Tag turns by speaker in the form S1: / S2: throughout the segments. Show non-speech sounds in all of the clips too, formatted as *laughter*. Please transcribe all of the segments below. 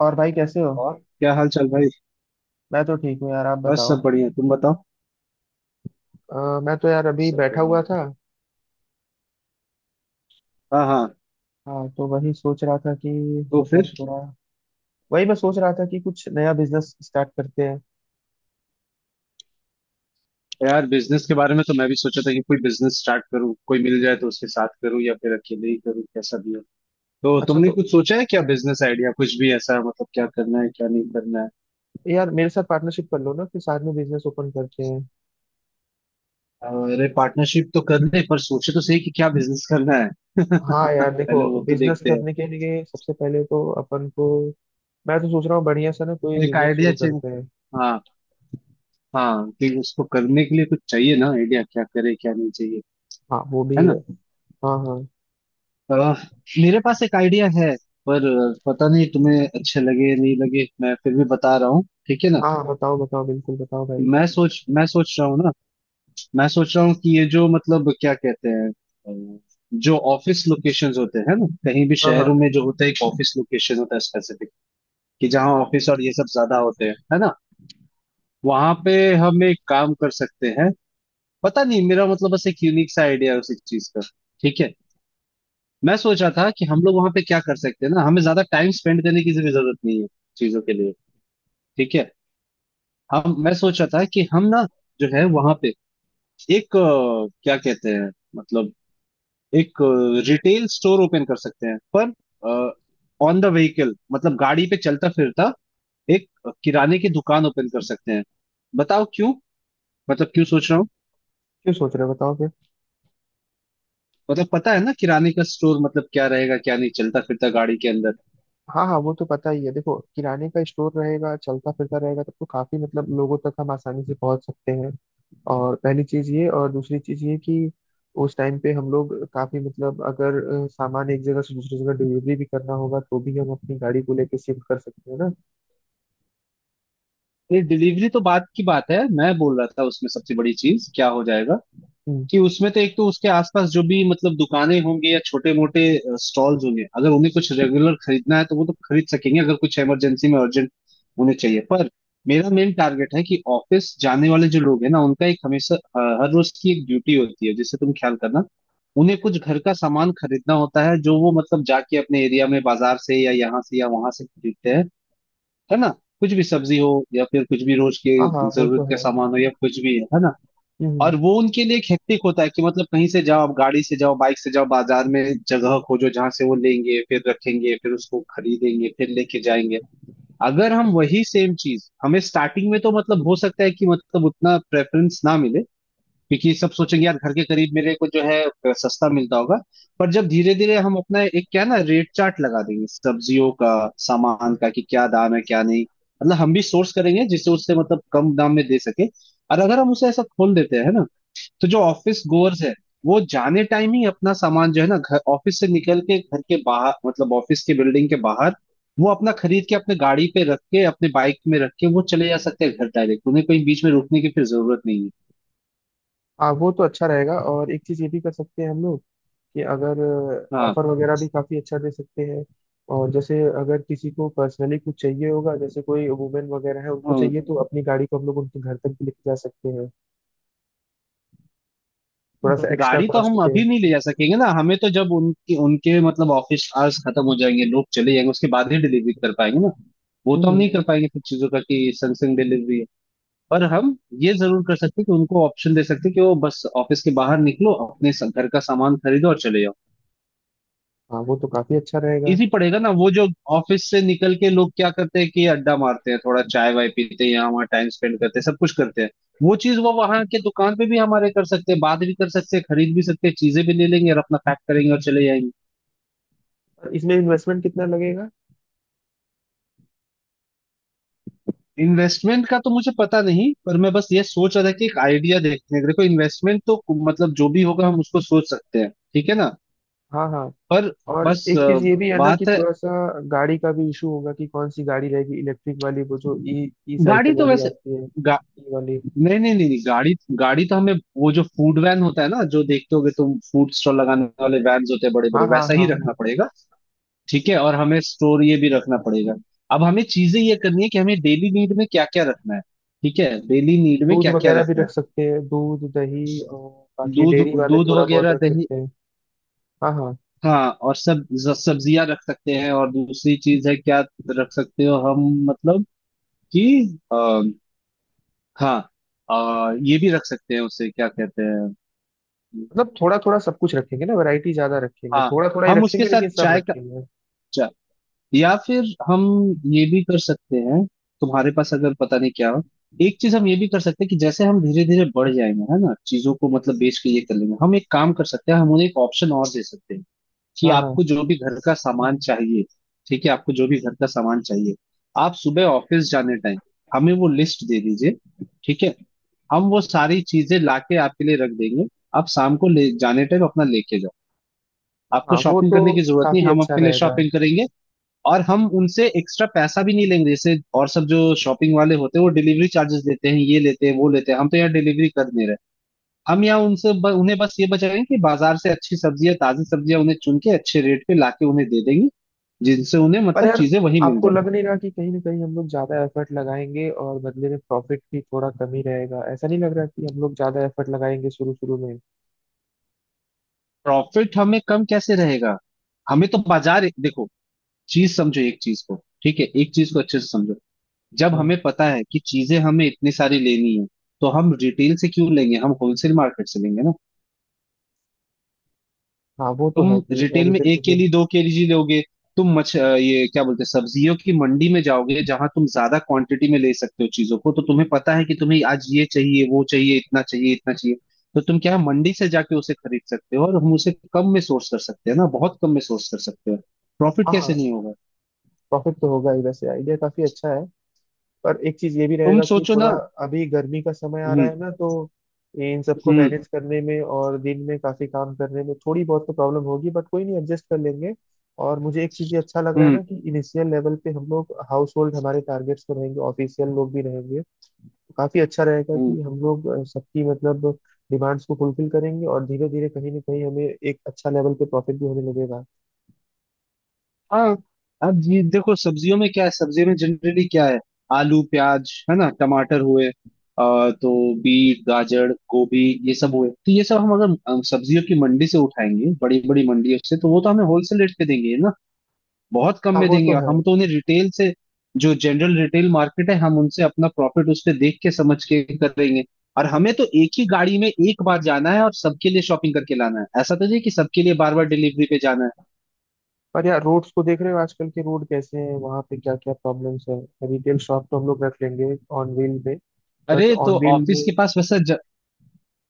S1: और भाई कैसे हो।
S2: और क्या हाल चाल भाई।
S1: मैं तो ठीक हूँ यार, आप
S2: बस सब
S1: बताओ।
S2: बढ़िया तुम बताओ।
S1: मैं तो यार अभी
S2: सब
S1: बैठा
S2: बढ़िया।
S1: हुआ था।
S2: हाँ हाँ।
S1: हाँ, तो वही सोच रहा था कि
S2: तो
S1: मतलब
S2: फिर
S1: थोड़ा, वही मैं सोच रहा था कि कुछ नया बिजनेस स्टार्ट करते हैं।
S2: यार बिजनेस के बारे में तो मैं भी सोचा था कि कोई बिजनेस स्टार्ट करूँ, कोई मिल जाए तो उसके साथ करूँ या फिर अकेले ही करूँ, कैसा भी हो। तो
S1: अच्छा
S2: तुमने
S1: तो
S2: कुछ सोचा है क्या? बिजनेस आइडिया कुछ भी ऐसा, मतलब क्या करना है क्या नहीं करना है।
S1: यार, मेरे साथ पार्टनरशिप कर लो ना, फिर साथ में बिजनेस ओपन करते हैं।
S2: और अरे पार्टनरशिप तो कर ले, पर सोचे तो सही कि क्या बिजनेस करना है। *laughs*
S1: हाँ यार देखो,
S2: पहले वो तो
S1: बिजनेस
S2: देखते हैं।
S1: करने के लिए सबसे पहले तो अपन को, मैं तो सोच रहा हूँ बढ़िया सा ना कोई
S2: एक
S1: बिजनेस
S2: आइडिया
S1: शुरू
S2: चाहिए।
S1: करते हैं।
S2: हाँ। हाँ कि उसको करने के लिए कुछ चाहिए ना, आइडिया क्या करे क्या नहीं चाहिए।
S1: हाँ वो भी
S2: है
S1: है।
S2: ना।
S1: हाँ हाँ।
S2: अह, मेरे पास एक आइडिया है। पर पता नहीं तुम्हें अच्छे लगे नहीं लगे, मैं फिर भी बता रहा हूँ, ठीक है ना।
S1: हाँ हाँ, बताओ बताओ बिल्कुल बताओ भाई।
S2: मैं सोच रहा हूँ ना। मैं सोच रहा हूँ कि ये जो मतलब क्या कहते हैं जो ऑफिस लोकेशंस होते हैं ना, कहीं भी
S1: हाँ हाँ।
S2: शहरों में जो होता है, एक ऑफिस लोकेशन होता है स्पेसिफिक। कि जहाँ ऑफिस और ये सब ज्यादा होते हैं, है ना। वहां पे हम एक काम कर सकते हैं। पता नहीं, मेरा मतलब बस एक यूनिक सा आइडिया है उसी चीज का। ठीक है। मैं सोचा था कि हम लोग वहां पे क्या कर सकते हैं ना, हमें ज्यादा टाइम स्पेंड करने की भी जरूरत नहीं है चीजों के लिए। ठीक है। हम मैं सोचा था कि हम ना जो है वहां पे एक क्या कहते हैं मतलब एक रिटेल स्टोर ओपन कर सकते हैं, पर ऑन द व्हीकल मतलब गाड़ी पे चलता फिरता एक किराने की दुकान ओपन कर सकते हैं। बताओ क्यों, मतलब क्यों सोच रहा हूँ।
S1: क्यों सोच रहे हो, बताओ फिर।
S2: मतलब पता है ना किराने का स्टोर, मतलब क्या रहेगा क्या नहीं, चलता फिरता गाड़ी के अंदर।
S1: हाँ हाँ, वो तो पता ही है। देखो, किराने का स्टोर रहेगा चलता फिरता, रहेगा तब तो काफी मतलब लोगों तक हम आसानी से पहुंच सकते हैं। और पहली चीज ये, और दूसरी चीज ये कि उस टाइम पे हम लोग काफी मतलब अगर सामान एक जगह से दूसरी जगह डिलीवरी भी करना होगा तो भी हम अपनी गाड़ी को लेके शिफ्ट कर सकते हैं ना।
S2: ये डिलीवरी तो बात की बात है, मैं बोल रहा था उसमें सबसे बड़ी चीज क्या हो जाएगा
S1: हम्म।
S2: कि उसमें तो एक तो उसके आसपास जो भी मतलब दुकानें होंगी या छोटे मोटे स्टॉल्स होंगे, अगर उन्हें कुछ रेगुलर खरीदना है तो वो तो खरीद सकेंगे, अगर कुछ इमरजेंसी में अर्जेंट उन्हें चाहिए। पर मेरा मेन टारगेट है कि ऑफिस जाने वाले जो लोग हैं ना, उनका एक हमेशा हर रोज की एक ड्यूटी होती है जिसे तुम ख्याल करना, उन्हें कुछ घर का सामान खरीदना होता है जो वो मतलब जाके अपने एरिया में बाजार से या यहाँ से या वहां से खरीदते हैं, है ना। कुछ भी सब्जी हो या फिर कुछ भी रोज के
S1: हाँ हाँ, वो
S2: जरूरत
S1: तो
S2: का
S1: है।
S2: सामान हो या कुछ भी है ना।
S1: हम्म।
S2: और वो उनके लिए एक हेक्टिक होता है कि मतलब कहीं से जाओ, आप गाड़ी से जाओ, बाइक से जाओ, बाजार में जगह खोजो जहां से वो लेंगे, फिर रखेंगे फिर उसको खरीदेंगे फिर लेके जाएंगे। अगर हम वही सेम चीज हमें स्टार्टिंग में तो मतलब हो सकता है कि मतलब उतना प्रेफरेंस ना मिले, क्योंकि सब सोचेंगे यार घर के करीब मेरे को जो है सस्ता मिलता होगा। पर जब धीरे धीरे हम अपना एक क्या है ना रेट चार्ट लगा देंगे सब्जियों का, सामान का कि क्या दाम है क्या नहीं, मतलब हम भी सोर्स करेंगे जिससे उससे मतलब कम दाम में दे सके। और अगर हम उसे ऐसा खोल देते हैं ना, तो जो ऑफिस गोअर्स है वो जाने टाइम ही अपना सामान जो है ना घर ऑफिस से निकल के घर के बाहर मतलब ऑफिस के बिल्डिंग के बाहर वो अपना खरीद के अपने गाड़ी पे रख के अपने बाइक में रख के वो चले जा सकते हैं घर डायरेक्ट, उन्हें कहीं बीच में रुकने की फिर जरूरत नहीं है।
S1: हाँ, वो तो अच्छा रहेगा। और एक चीज ये भी कर सकते हैं हम लोग कि अगर
S2: हाँ।
S1: ऑफर वगैरह भी काफ़ी अच्छा दे सकते हैं। और जैसे अगर किसी को पर्सनली कुछ चाहिए होगा, जैसे कोई वुमेन वगैरह है उनको
S2: हाँ।
S1: चाहिए, तो अपनी गाड़ी को हम लोग उनके घर तक भी लेके जा सकते हैं, थोड़ा सा एक्स्ट्रा
S2: गाड़ी तो हम
S1: कॉस्ट पे।
S2: अभी नहीं ले जा सकेंगे ना, हमें तो जब उनकी उनके मतलब ऑफिस आवर्स खत्म हो जाएंगे, लोग चले जाएंगे उसके बाद ही डिलीवरी कर पाएंगे ना। वो तो हम
S1: हम्म।
S2: नहीं कर पाएंगे फिर चीजों का कि संगसंग डिलीवरी है। पर हम ये जरूर कर सकते हैं कि उनको ऑप्शन दे सकते हैं कि वो बस ऑफिस के बाहर निकलो, अपने घर का सामान खरीदो और चले जाओ।
S1: हाँ, वो तो काफ़ी अच्छा रहेगा।
S2: इजी पड़ेगा ना वो जो ऑफिस से निकल के लोग क्या करते हैं कि अड्डा मारते हैं, थोड़ा चाय वाय पीते हैं, यहाँ वहाँ टाइम स्पेंड करते हैं, सब कुछ करते हैं। वो चीज वो वहां के दुकान पे भी हमारे कर सकते हैं, बात भी कर सकते हैं, खरीद भी सकते हैं, चीजें भी ले लेंगे और अपना पैक करेंगे और चले जाएंगे।
S1: और इसमें इन्वेस्टमेंट कितना लगेगा?
S2: इन्वेस्टमेंट का तो मुझे पता नहीं, पर मैं बस ये सोच रहा था कि एक आइडिया देखने का, देखो इन्वेस्टमेंट तो मतलब जो भी होगा हम उसको सोच सकते हैं, ठीक है ना।
S1: हाँ हाँ।
S2: पर
S1: और
S2: बस
S1: एक चीज़ ये भी है ना कि
S2: बात है।
S1: थोड़ा सा गाड़ी का भी इशू होगा कि कौन सी गाड़ी रहेगी, इलेक्ट्रिक वाली, वो जो ई ई
S2: गाड़ी
S1: साइकिल
S2: तो
S1: वाली
S2: वैसे
S1: आती है
S2: गा,
S1: ई वाली।
S2: नहीं नहीं नहीं नहीं, गाड़ी गाड़ी तो हमें वो जो फूड वैन होता है ना जो देखते होगे तुम, फूड स्टॉल लगाने वाले वैन होते हैं बड़े बड़े,
S1: हाँ हाँ
S2: वैसा ही
S1: हाँ हाँ।
S2: रखना पड़ेगा। ठीक है और हमें स्टोर ये भी रखना पड़ेगा। अब हमें चीजें ये करनी है कि हमें डेली नीड में क्या क्या रखना है। ठीक है डेली नीड में
S1: दूध
S2: क्या क्या
S1: वगैरह भी
S2: रखना है।
S1: रख सकते हैं, दूध दही और बाकी
S2: दूध,
S1: डेयरी वाले
S2: दूध
S1: थोड़ा बहुत
S2: वगैरह
S1: रख
S2: दही।
S1: सकते हैं। हाँ हाँ।
S2: हाँ और सब्जियां रख सकते हैं, और दूसरी चीज है क्या रख सकते हो हम मतलब कि आ, हाँ ये भी रख सकते हैं, उसे क्या कहते हैं।
S1: मतलब थोड़ा थोड़ा सब कुछ रखेंगे ना, वैरायटी ज्यादा रखेंगे,
S2: हाँ
S1: थोड़ा थोड़ा ही
S2: हम उसके
S1: रखेंगे
S2: साथ
S1: लेकिन सब
S2: चाय का
S1: रखेंगे।
S2: चल या फिर हम ये भी कर सकते हैं, तुम्हारे पास अगर पता नहीं क्या हो, एक चीज हम ये भी कर सकते हैं कि जैसे हम धीरे धीरे बढ़ जाएंगे है ना चीजों को मतलब बेच के ये कर लेंगे, हम एक काम कर सकते हैं, हम उन्हें एक ऑप्शन और दे सकते हैं कि
S1: हाँ हाँ।
S2: आपको जो भी घर का सामान चाहिए। ठीक है आपको जो भी घर का सामान चाहिए, आप सुबह ऑफिस जाने टाइम हमें वो लिस्ट दे दीजिए। ठीक है हम वो सारी चीजें लाके आपके लिए रख देंगे। आप शाम को ले जाने टाइम अपना लेके जाओ। आपको
S1: हाँ, वो
S2: शॉपिंग
S1: तो
S2: करने की जरूरत नहीं,
S1: काफी
S2: हम
S1: अच्छा
S2: आपके लिए
S1: रहेगा।
S2: शॉपिंग करेंगे। और हम उनसे एक्स्ट्रा पैसा भी नहीं लेंगे, जैसे और सब जो शॉपिंग वाले होते हैं वो डिलीवरी चार्जेस लेते हैं, ये लेते हैं वो लेते हैं, हम तो यहाँ डिलीवरी कर दे रहे हैं। हम यहाँ उनसे उन्हें बस ये बचाएंगे कि बाजार से अच्छी सब्जियां ताजी सब्जियां उन्हें चुन के अच्छे रेट पे लाके उन्हें दे देंगे, जिनसे उन्हें
S1: पर
S2: मतलब
S1: यार
S2: चीजें वही मिल
S1: आपको
S2: जाए।
S1: लग नहीं रहा कि कहीं ना कहीं हम लोग ज्यादा एफर्ट लगाएंगे और बदले में प्रॉफिट भी थोड़ा कम ही रहेगा? ऐसा नहीं लग रहा कि हम लोग ज्यादा एफर्ट लगाएंगे शुरू शुरू में?
S2: प्रॉफिट हमें कम कैसे रहेगा? हमें तो बाजार देखो, चीज समझो एक चीज को। ठीक है एक चीज को अच्छे से समझो। जब हमें
S1: हाँ
S2: पता है कि चीजें हमें इतनी सारी लेनी है, तो हम रिटेल से क्यों लेंगे, हम होलसेल मार्केट से लेंगे ना।
S1: हाँ, वो तो
S2: तुम
S1: है कि
S2: रिटेल में
S1: रिटेल से
S2: एक
S1: जो।
S2: केली 2 केजी लोगे। तुम ये क्या बोलते हैं सब्जियों की मंडी में जाओगे जहां तुम ज्यादा क्वांटिटी में ले सकते हो चीजों को, तो तुम्हें पता है कि तुम्हें आज ये चाहिए वो चाहिए इतना चाहिए इतना चाहिए। तो तुम क्या है मंडी से जाके उसे खरीद सकते हो और हम उसे कम में सोर्स कर सकते हैं ना, बहुत कम में सोर्स कर सकते हो। प्रॉफिट
S1: हाँ
S2: कैसे
S1: हाँ।
S2: नहीं होगा?
S1: प्रॉफिट तो होगा ही, वैसे आइडिया काफी अच्छा है। पर एक चीज ये भी
S2: तुम
S1: रहेगा कि
S2: सोचो ना।
S1: थोड़ा अभी गर्मी का समय आ रहा
S2: हम्म।
S1: है ना, तो इन सबको
S2: हम्म।
S1: मैनेज करने में और दिन में काफी काम करने में थोड़ी बहुत तो प्रॉब्लम होगी, बट कोई नहीं, एडजस्ट कर लेंगे। और मुझे एक चीज ये अच्छा लग रहा है
S2: हम्म।
S1: ना कि इनिशियल लेवल पे हम लोग हाउस होल्ड हमारे टारगेट्स पे रहेंगे, ऑफिशियल लोग भी रहेंगे। तो काफी अच्छा रहेगा
S2: हम्म।
S1: कि हम लोग सबकी मतलब डिमांड्स को फुलफिल करेंगे, और धीरे धीरे कहीं ना कहीं हमें एक अच्छा लेवल पे प्रॉफिट भी होने लगेगा।
S2: हाँ। अब ये देखो सब्जियों में क्या है, सब्जियों में जनरली क्या है, आलू प्याज है ना टमाटर हुए तो बीट गाजर गोभी ये सब हुए। तो ये सब हम अगर सब्जियों की मंडी से उठाएंगे बड़ी बड़ी मंडियों से तो वो तो हमें होलसेल रेट पे देंगे ना। बहुत कम
S1: हाँ
S2: में
S1: वो
S2: देंगे
S1: तो
S2: और
S1: है।
S2: हम तो उन्हें रिटेल से जो जनरल रिटेल मार्केट है हम उनसे अपना प्रॉफिट उस पे देख के समझ के करेंगे। और हमें तो एक ही गाड़ी में एक बार जाना है और सबके लिए शॉपिंग करके लाना है, ऐसा तो नहीं कि सबके लिए बार बार डिलीवरी पे जाना है।
S1: पर यार रोड्स को देख रहे हो आजकल के, रोड कैसे हैं वहां पे, क्या क्या प्रॉब्लम्स है। रिटेल शॉप तो हम लोग रख लेंगे ऑन व्हील में, बट
S2: अरे तो
S1: ऑन व्हील
S2: ऑफिस
S1: में।
S2: के पास वैसा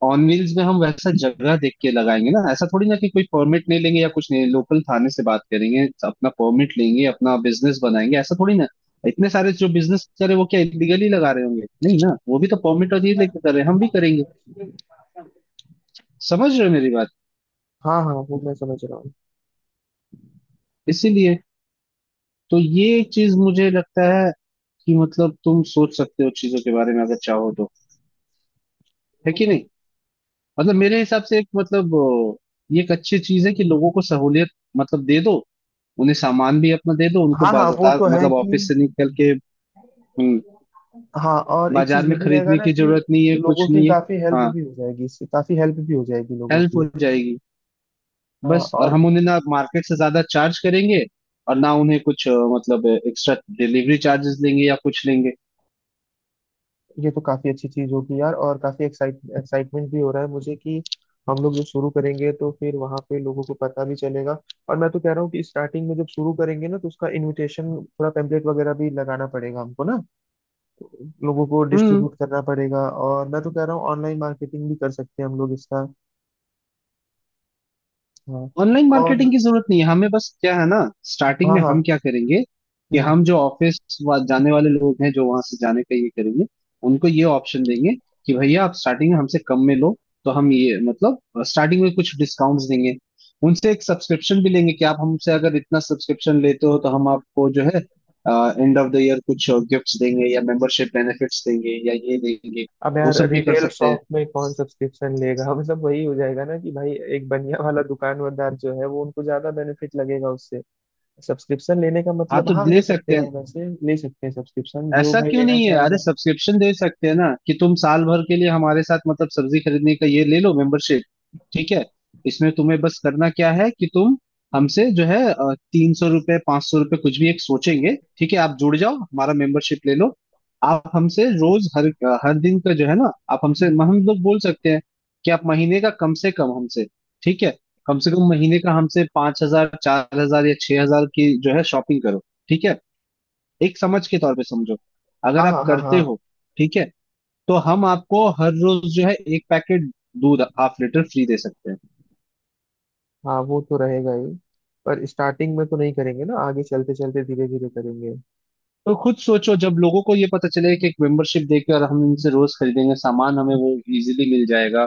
S2: ऑन व्हील्स में हम वैसा जगह देख के लगाएंगे ना, ऐसा थोड़ी ना कि कोई परमिट नहीं लेंगे या कुछ नहीं, लोकल थाने से बात करेंगे अपना परमिट लेंगे अपना बिजनेस बनाएंगे ऐसा थोड़ी ना। इतने सारे जो बिजनेस कर रहे हैं, वो क्या इलीगली लगा रहे होंगे? नहीं ना, वो भी तो परमिट और ये लेके कर रहे हैं, हम भी करेंगे। समझ रहे हो मेरी बात?
S1: हाँ हाँ, वो मैं समझ रहा हूँ।
S2: इसीलिए तो ये चीज मुझे लगता है कि मतलब तुम सोच सकते हो चीजों के बारे में अगर चाहो तो, है कि नहीं। मतलब मेरे हिसाब से एक मतलब ये एक अच्छी चीज है कि लोगों को सहूलियत मतलब दे दो, उन्हें सामान भी अपना दे दो उनको
S1: हाँ हाँ, वो
S2: बाजार
S1: तो है
S2: मतलब
S1: कि।
S2: ऑफिस से निकल के। हम्म।
S1: हाँ, और एक
S2: बाजार
S1: चीज ये
S2: में
S1: भी रहेगा
S2: खरीदने
S1: ना
S2: की
S1: कि
S2: जरूरत नहीं है, कुछ
S1: लोगों की
S2: नहीं है।
S1: काफी हेल्प
S2: हाँ
S1: भी हो जाएगी इससे, काफी हेल्प भी हो जाएगी लोगों
S2: हेल्प हो
S1: की।
S2: जाएगी।
S1: हाँ
S2: बस और
S1: और,
S2: हम उन्हें ना मार्केट से ज्यादा चार्ज करेंगे और ना उन्हें कुछ मतलब एक्स्ट्रा डिलीवरी चार्जेस लेंगे या कुछ लेंगे।
S1: ये तो काफी अच्छी चीज होगी यार, और काफी एक्साइट एक्साइटमेंट भी हो रहा है मुझे कि हम लोग जब शुरू करेंगे तो फिर वहां पे लोगों को पता भी चलेगा। और मैं तो कह रहा हूँ कि स्टार्टिंग में जब शुरू करेंगे ना तो उसका इनविटेशन, थोड़ा पेम्पलेट वगैरह भी लगाना पड़ेगा हमको ना, लोगों को
S2: हम्म।
S1: डिस्ट्रीब्यूट करना पड़ेगा। और मैं तो कह रहा हूँ ऑनलाइन मार्केटिंग भी कर सकते हैं हम लोग इसका। हाँ
S2: ऑनलाइन मार्केटिंग
S1: और।
S2: की जरूरत नहीं है हमें, बस क्या है ना स्टार्टिंग
S1: हाँ
S2: में हम
S1: हाँ।
S2: क्या करेंगे कि
S1: हम्म।
S2: हम जो ऑफिस जाने वाले लोग हैं जो वहां से जाने का ये करेंगे उनको ये ऑप्शन देंगे कि भैया आप स्टार्टिंग में हमसे कम में लो, तो हम ये मतलब स्टार्टिंग में कुछ डिस्काउंट्स देंगे। उनसे एक सब्सक्रिप्शन भी लेंगे कि आप हमसे अगर इतना सब्सक्रिप्शन लेते हो तो हम आपको जो है एंड ऑफ द ईयर कुछ गिफ्ट्स देंगे या मेंबरशिप बेनिफिट्स देंगे या ये देंगे।
S1: अब
S2: वो
S1: यार
S2: सब भी कर
S1: रिटेल
S2: सकते हैं।
S1: शॉप में कौन सब्सक्रिप्शन लेगा *laughs* हमें सब वही हो जाएगा ना कि भाई एक बनिया वाला दुकानदार जो है वो उनको ज्यादा बेनिफिट लगेगा उससे। सब्सक्रिप्शन लेने का
S2: हाँ
S1: मतलब,
S2: तो
S1: हाँ
S2: ले
S1: ले सकते
S2: सकते हैं,
S1: हैं, वैसे ले सकते हैं सब्सक्रिप्शन जो
S2: ऐसा
S1: भाई
S2: क्यों
S1: लेना
S2: नहीं है। अरे
S1: चाहेगा।
S2: सब्सक्रिप्शन दे सकते हैं ना, कि तुम साल भर के लिए हमारे साथ मतलब सब्जी खरीदने का ये ले लो मेंबरशिप। ठीक है। इसमें तुम्हें बस करना क्या है कि तुम हमसे जो है ₹300 ₹500 कुछ भी एक सोचेंगे, ठीक है, आप जुड़ जाओ हमारा मेंबरशिप ले लो। आप हमसे रोज हर हर दिन का जो है ना आप हमसे हम लोग बोल सकते हैं कि आप महीने का कम से कम हमसे, ठीक है, कम से कम महीने का हमसे 5,000 4,000 या 6,000 की जो है शॉपिंग करो। ठीक है एक समझ के तौर पे समझो, अगर
S1: हाँ
S2: आप
S1: हाँ हाँ
S2: करते
S1: हाँ।
S2: हो, ठीक है, तो हम आपको हर रोज जो है एक पैकेट दूध हाफ लीटर फ्री दे सकते हैं।
S1: हाँ वो तो रहेगा ही। पर स्टार्टिंग में तो नहीं करेंगे ना, आगे चलते चलते धीरे धीरे करेंगे।
S2: तो खुद सोचो जब लोगों को ये पता चले कि एक मेंबरशिप देकर हम इनसे रोज खरीदेंगे सामान, हमें वो इजीली मिल जाएगा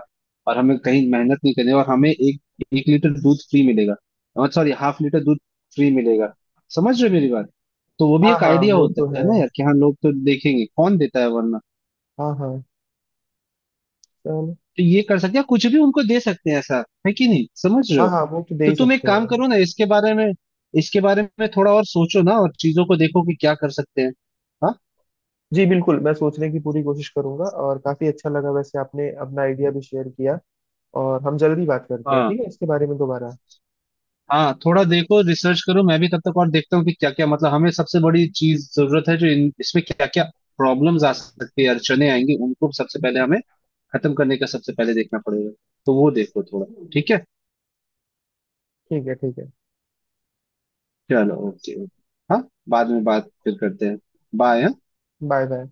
S2: और हमें कहीं मेहनत नहीं करनी और हमें एक एक लीटर दूध फ्री मिलेगा, सॉरी हाफ लीटर दूध फ्री मिलेगा। समझ रहे हो मेरी बात? तो वो भी
S1: हाँ
S2: एक
S1: हाँ
S2: आइडिया
S1: वो
S2: होता
S1: तो है।
S2: है ना यार कि हाँ लोग तो देखेंगे कौन देता है वरना।
S1: हाँ हाँ, चलो।
S2: तो ये कर सकते हैं कुछ भी उनको दे सकते हैं, ऐसा है कि नहीं, समझ रहे
S1: हाँ
S2: हो।
S1: हाँ, वो तो दे
S2: तो
S1: ही
S2: तुम एक
S1: सकते
S2: काम
S1: हैं।
S2: करो ना, इसके बारे में थोड़ा और सोचो ना और चीजों को देखो कि क्या कर सकते हैं। हाँ।
S1: जी बिल्कुल, मैं सोचने की पूरी कोशिश करूंगा, और काफी अच्छा लगा वैसे आपने अपना आइडिया भी शेयर किया। और हम जल्दी बात करते हैं,
S2: हाँ।
S1: ठीक है, इसके बारे में दोबारा।
S2: हाँ थोड़ा देखो रिसर्च करो, मैं भी तब तक और देखता हूँ कि क्या क्या मतलब हमें सबसे बड़ी चीज जरूरत है जो इसमें क्या क्या प्रॉब्लम्स आ सकती है अड़चने आएंगी उनको सबसे पहले हमें खत्म करने का सबसे पहले देखना पड़ेगा। तो वो देखो थोड़ा। ठीक है।
S1: ठीक है, ठीक है।
S2: चलो ओके ओके। हाँ बाद में बात फिर करते हैं। बाय।
S1: Bye bye.